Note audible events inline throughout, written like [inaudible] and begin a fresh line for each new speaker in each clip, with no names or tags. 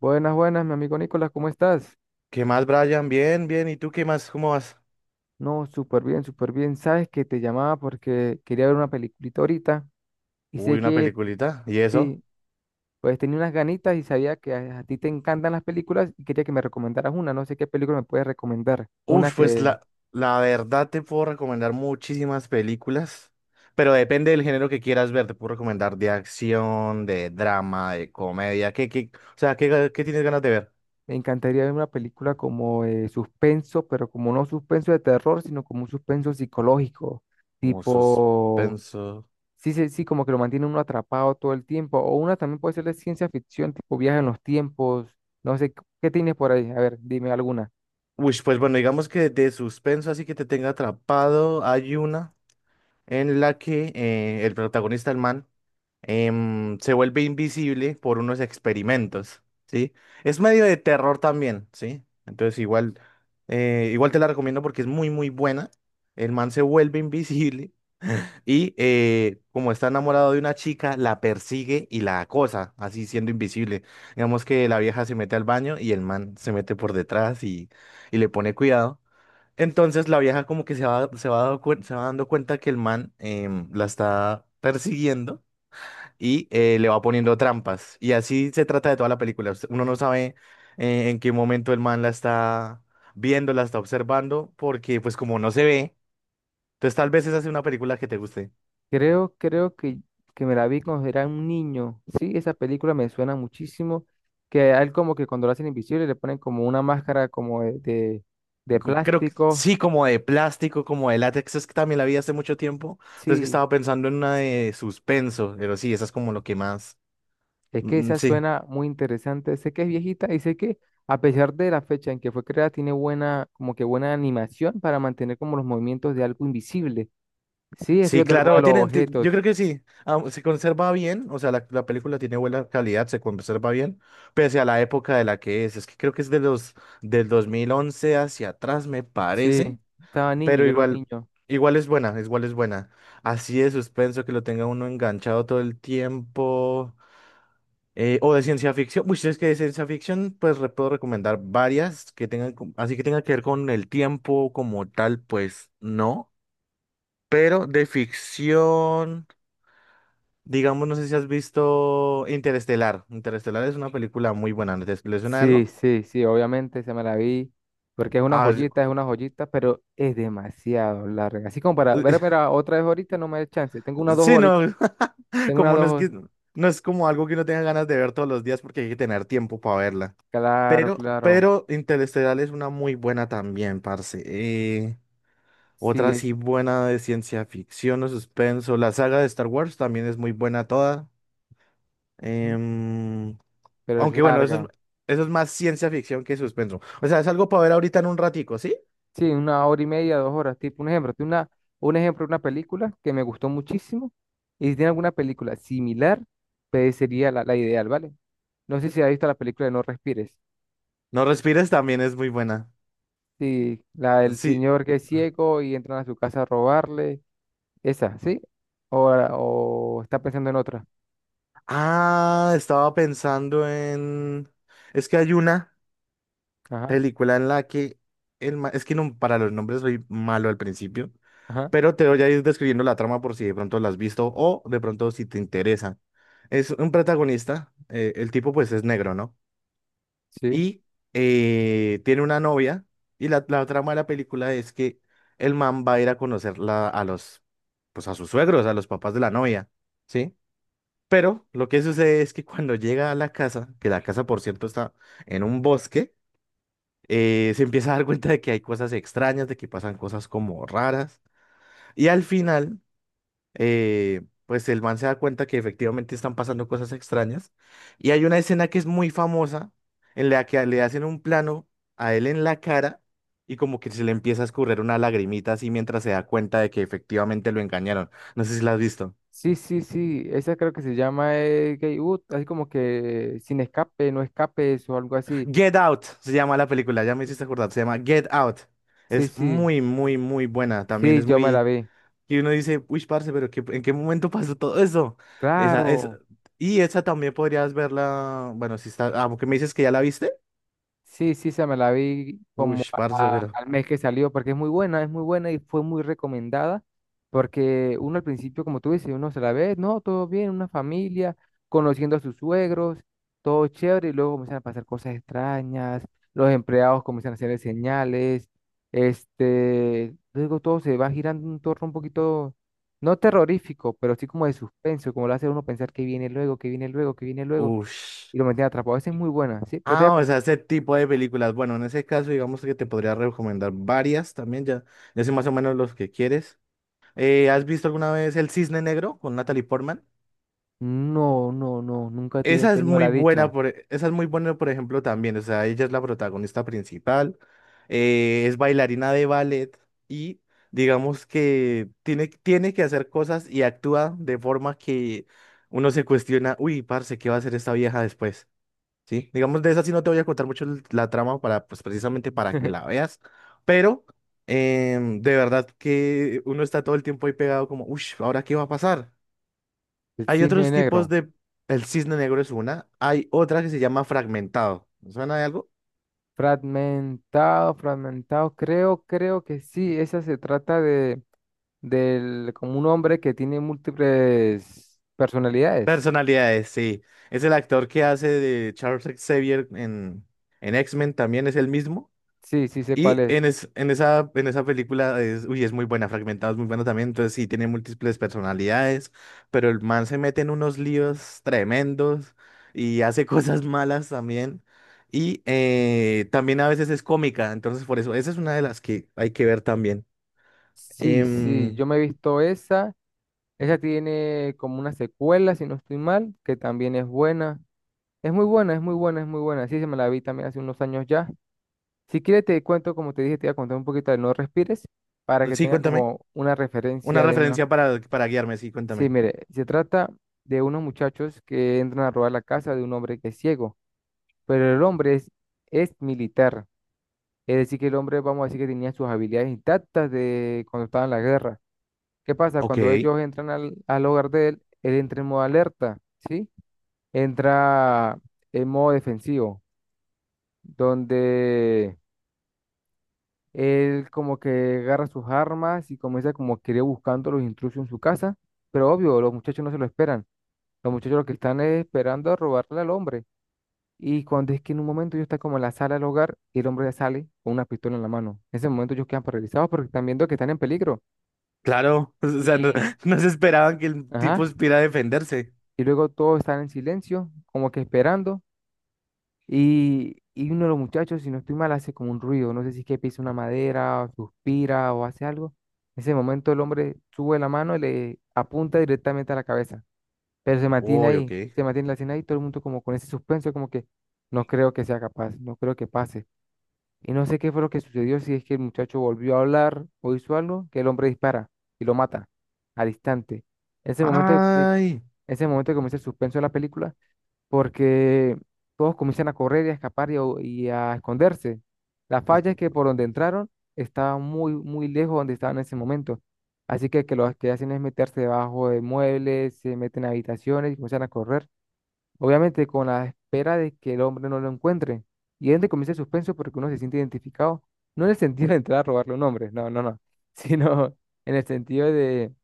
Buenas, buenas, mi amigo Nicolás, ¿cómo estás?
¿Qué más, Brian? Bien, bien. ¿Y tú qué más? ¿Cómo vas?
No, súper bien, súper bien. Sabes que te llamaba porque quería ver una peliculita ahorita y
Uy,
sé
una
que
peliculita. ¿Y eso?
sí, pues tenía unas ganitas y sabía que a ti te encantan las películas y quería que me recomendaras una. No sé qué película me puedes recomendar. Una
Uf, pues
que
la verdad te puedo recomendar muchísimas películas, pero depende del género que quieras ver. Te puedo recomendar de acción, de drama, de comedia. ¿O sea, qué tienes ganas de ver?
me encantaría ver una película como suspenso, pero como no suspenso de terror, sino como un suspenso psicológico,
Como
tipo.
suspenso.
Sí, sí, sí, como que lo mantiene uno atrapado todo el tiempo. O una también puede ser de ciencia ficción, tipo viaje en los tiempos. No sé, ¿qué tienes por ahí? A ver, dime alguna.
Uy, pues bueno, digamos que de suspenso, así que te tenga atrapado, hay una en la que el protagonista, el man, se vuelve invisible por unos experimentos, ¿sí? Es medio de terror también, ¿sí? Entonces igual te la recomiendo porque es muy, muy buena. El man se vuelve invisible [laughs] y como está enamorado de una chica, la persigue y la acosa, así siendo invisible. Digamos que la vieja se mete al baño y el man se mete por detrás y le pone cuidado. Entonces la vieja como que se va dando cuenta que el man la está persiguiendo y le va poniendo trampas. Y así se trata de toda la película. Uno no sabe en qué momento el man la está viendo, la está observando, porque pues como no se ve, entonces tal vez esa sea una película que te guste.
Creo que me la vi cuando era un niño. Sí, esa película me suena muchísimo. Que a él como que cuando lo hacen invisible le ponen como una máscara como de
Creo que
plástico.
sí, como de plástico, como de látex, es que también la vi hace mucho tiempo, pero es que
Sí,
estaba pensando en una de suspenso, pero sí, esa es como lo que más.
es que
Mm, mm,
esa
sí.
suena muy interesante. Sé que es viejita y sé que a pesar de la fecha en que fue creada, tiene buena, como que buena animación para mantener como los movimientos de algo invisible. Sí, este
Sí,
que te mueve
claro,
los
tienen, yo
objetos.
creo que sí, se conserva bien, o sea, la película tiene buena calidad, se conserva bien, pese a la época de la que es que creo que es del 2011 hacia atrás, me
Sí,
parece,
estaba niño,
pero
yo era un
igual,
niño.
igual es buena, así de suspenso que lo tenga uno enganchado todo el tiempo, o de ciencia ficción, uy, si es que de ciencia ficción, pues puedo recomendar varias que tengan, así que tenga que ver con el tiempo como tal, pues no, pero de ficción. Digamos, no sé si has visto Interestelar. Interestelar es una película muy buena. ¿No? ¿Te le suena
Sí,
algo?
sí, sí, obviamente se me la vi. Porque
Ah,
es una joyita, pero es demasiado larga. Así como para ver, ver
[laughs]
a otra vez ahorita no me da chance. Tengo unas dos
sí, no.
horitas,
[laughs]
tengo unas
Como no
dos
es que
hor-
no es como algo que uno tenga ganas de ver todos los días porque hay que tener tiempo para verla.
claro,
Pero,
claro.
pero Interestelar es una muy buena también, parce. Eh,
Sí,
otra
es,
sí buena de ciencia ficción o suspenso. La saga de Star Wars también es muy buena toda.
mm,
Em,
pero es
Aunque bueno, eso es,
larga.
eso es más ciencia ficción que suspenso. O sea, es algo para ver ahorita en un ratico, ¿sí?
Sí, una hora y media, dos horas, tipo un ejemplo. Tiene una, un ejemplo de una película que me gustó muchísimo. Y si tiene alguna película similar, pues sería la ideal, ¿vale? No sé si has visto la película de No Respires.
No respires también es muy buena.
Sí, la del
Sí.
señor que es ciego y entran a su casa a robarle. Esa, ¿sí? O está pensando en otra.
Ah, estaba pensando en. Es que hay una
Ajá,
película en la que es que no, para los nombres soy malo al principio,
ajá,
pero te voy a ir describiendo la trama por si de pronto la has visto o de pronto si te interesa. Es un protagonista, el tipo pues es negro, ¿no?
sí.
Y tiene una novia y la trama de la película es que el man va a ir a conocer pues a sus suegros, a los papás de la novia, ¿sí? Pero lo que sucede es que cuando llega a la casa, que la casa por cierto está en un bosque, se empieza a dar cuenta de que hay cosas extrañas, de que pasan cosas como raras. Y al final, pues el man se da cuenta que efectivamente están pasando cosas extrañas. Y hay una escena que es muy famosa en la que le hacen un plano a él en la cara y como que se le empieza a escurrir una lagrimita así mientras se da cuenta de que efectivamente lo engañaron. No sé si la has visto.
Sí, sí, sí. Esa creo que se llama Gay Ut, así como que sin escape, no escapes o algo así.
Get Out se llama la película, ya me hiciste acordar, se llama Get Out.
Sí,
Es
sí.
muy, muy, muy buena. También
Sí,
es
yo me la
muy.
vi.
Y uno dice, uy, parce, pero ¿en qué momento pasó todo eso? Esa, es
Claro.
y esa también podrías verla, bueno, si está, porque me dices que ya la viste.
Sí, sí, se me la vi
Uy,
como
parce, pero,
al mes que salió, porque es muy buena y fue muy recomendada, porque uno al principio, como tú dices, uno se la ve, no, todo bien, una familia, conociendo a sus suegros, todo chévere, y luego comienzan a pasar cosas extrañas, los empleados comienzan a hacer señales, este, luego todo se va girando en un torno un poquito, no terrorífico, pero sí como de suspenso, como lo hace uno pensar que viene luego, que viene luego, que viene luego,
uy.
y lo mantiene atrapado. Esa es muy buena, ¿sí? Pero te voy a
Ah, o sea, ese tipo de películas. Bueno, en ese caso, digamos que te podría recomendar varias también, ya, ya sé más o menos los que quieres. ¿Has visto alguna vez El Cisne Negro con Natalie Portman?
no, no, no, nunca he
Esa es
tenido
muy
la
buena,
dicha.
por, e- esa es muy buena, por ejemplo, también. O sea, ella es la protagonista principal, es bailarina de ballet y digamos que tiene que hacer cosas y actúa de forma que uno se cuestiona, uy, parce, ¿qué va a hacer esta vieja después? ¿Sí? Digamos, de esa sí no te voy a contar mucho la trama para, pues, precisamente
[laughs]
para que
El
la veas, pero de verdad que uno está todo el tiempo ahí pegado como, uy, ¿ahora qué va a pasar? Hay
cisne
otros tipos
negro.
de. El cisne negro es una. Hay otra que se llama fragmentado. ¿Me? ¿Suena de algo?
Fragmentado, fragmentado. Creo que sí. Esa se trata de, del, como un hombre que tiene múltiples personalidades.
Personalidades, sí. Es el actor que hace de Charles Xavier en, X-Men, también es el mismo.
Sí, sí sé cuál
Y
es.
en, es- en, esa, en esa película es muy buena, fragmentado es muy bueno también, entonces sí, tiene múltiples personalidades, pero el man se mete en unos líos tremendos y hace [laughs] cosas malas también. Y también a veces es cómica, entonces por eso, esa es una de las que hay que ver también.
Sí, sí,
Em,
yo me he visto esa. Esa tiene como una secuela, si no estoy mal, que también es buena. Es muy buena, es muy buena, es muy buena. Sí, se me la vi también hace unos años ya. Si quieres te cuento, como te dije, te voy a contar un poquito de No Respires para que
sí,
tenga
cuéntame.
como una
Una
referencia de una...
referencia para guiarme, sí,
Sí,
cuéntame.
mire, se trata de unos muchachos que entran a robar la casa de un hombre que es ciego, pero el hombre es militar, es decir, que el hombre, vamos a decir que tenía sus habilidades intactas de cuando estaba en la guerra. ¿Qué pasa?
Ok,
Cuando ellos entran al hogar de él, él entra en modo alerta, ¿sí? Entra en modo defensivo, donde... él como que agarra sus armas y comienza como que ir buscando a los intrusos en su casa, pero obvio, los muchachos no se lo esperan. Los muchachos lo que están es esperando a robarle al hombre. Y cuando es que en un momento ellos están como en la sala del hogar y el hombre ya sale con una pistola en la mano. En ese momento ellos quedan paralizados porque están viendo que están en peligro.
claro. [laughs] O sea, no,
Y,
no se esperaban que el tipo
ajá,
supiera defenderse.
y luego todos están en silencio, como que esperando. Y uno de los muchachos, si no estoy mal, hace como un ruido. No sé si es que pisa una madera, o suspira o hace algo. En ese momento el hombre sube la mano y le apunta directamente a la cabeza. Pero se mantiene
Uy, ok.
ahí, se mantiene la escena ahí, todo el mundo como con ese suspenso, como que no creo que sea capaz, no creo que pase. Y no sé qué fue lo que sucedió, si es que el muchacho volvió a hablar o hizo algo, que el hombre dispara y lo mata al instante. Ese momento que,
Ay.
ese momento que comienza el suspenso de la película porque todos comienzan a correr y a escapar y a esconderse. La
Pues,
falla es que por donde entraron estaba muy, muy lejos donde estaban en ese momento. Así que lo que hacen es meterse debajo de muebles, se meten a habitaciones y comienzan a correr. Obviamente con la espera de que el hombre no lo encuentre. Y es donde comienza el suspenso porque uno se siente identificado, no en el sentido de entrar a robarle un hombre, no, no, no, [laughs] sino en el sentido de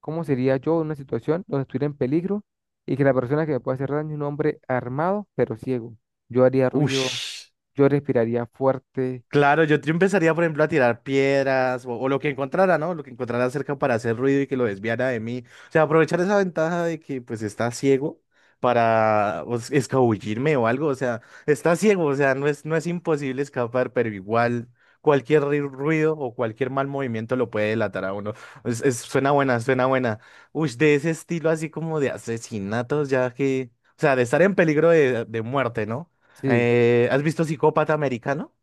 cómo sería yo en una situación donde estuviera en peligro y que la persona que me puede hacer daño es un hombre armado pero ciego. Yo haría ruido,
Ush.
yo respiraría fuerte,
Claro, yo empezaría, por ejemplo, a tirar piedras o lo que encontrara, ¿no? Lo que encontrara cerca para hacer ruido y que lo desviara de mí. O sea, aprovechar esa ventaja de que pues está ciego para escabullirme o algo. O sea, está ciego, o sea, no es imposible escapar, pero igual cualquier ruido o cualquier mal movimiento lo puede delatar a uno. Suena buena, suena buena. Uy, de ese estilo así como de asesinatos, ya que, o sea, de estar en peligro de muerte, ¿no?
sí,
¿Has visto Psicópata Americano?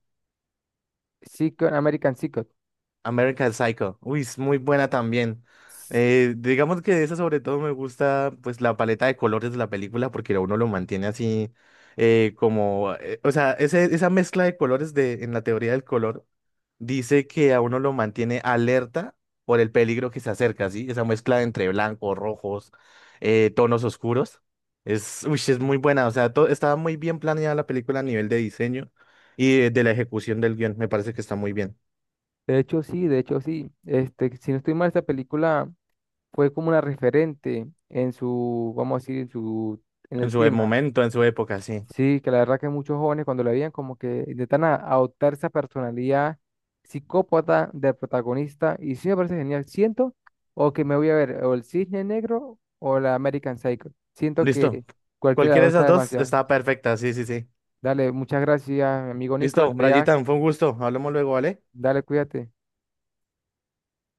sí, con American Psycho.
American Psycho. Uy, es muy buena también. Digamos que de esa sobre todo me gusta pues la paleta de colores de la película porque uno lo mantiene así como, o sea, esa mezcla de colores en la teoría del color dice que a uno lo mantiene alerta por el peligro que se acerca, ¿sí? Esa mezcla entre blancos, rojos, tonos oscuros. Es muy buena, o sea, estaba muy bien planeada la película a nivel de diseño y de la ejecución del guión, me parece que está muy bien.
De hecho, sí, de hecho, sí. Este, si no estoy mal, esta película... fue como una referente en su, vamos a decir, en su, en
En
el
su
tema.
momento, en su época, sí.
Sí, que la verdad que muchos jóvenes cuando la veían como que intentan adoptar esa personalidad psicópata del protagonista y sí me parece genial. Siento o que me voy a ver o el Cisne Negro o la American Psycho. Siento
Listo.
que cualquiera de las
Cualquiera
dos
de
está
esas dos
demasiado.
está perfecta, sí, sí, sí.
Dale, muchas gracias, amigo Nicolás.
Listo,
Te voy a-
Brayitan, fue un gusto. Hablamos luego, ¿vale?
dale, cuídate.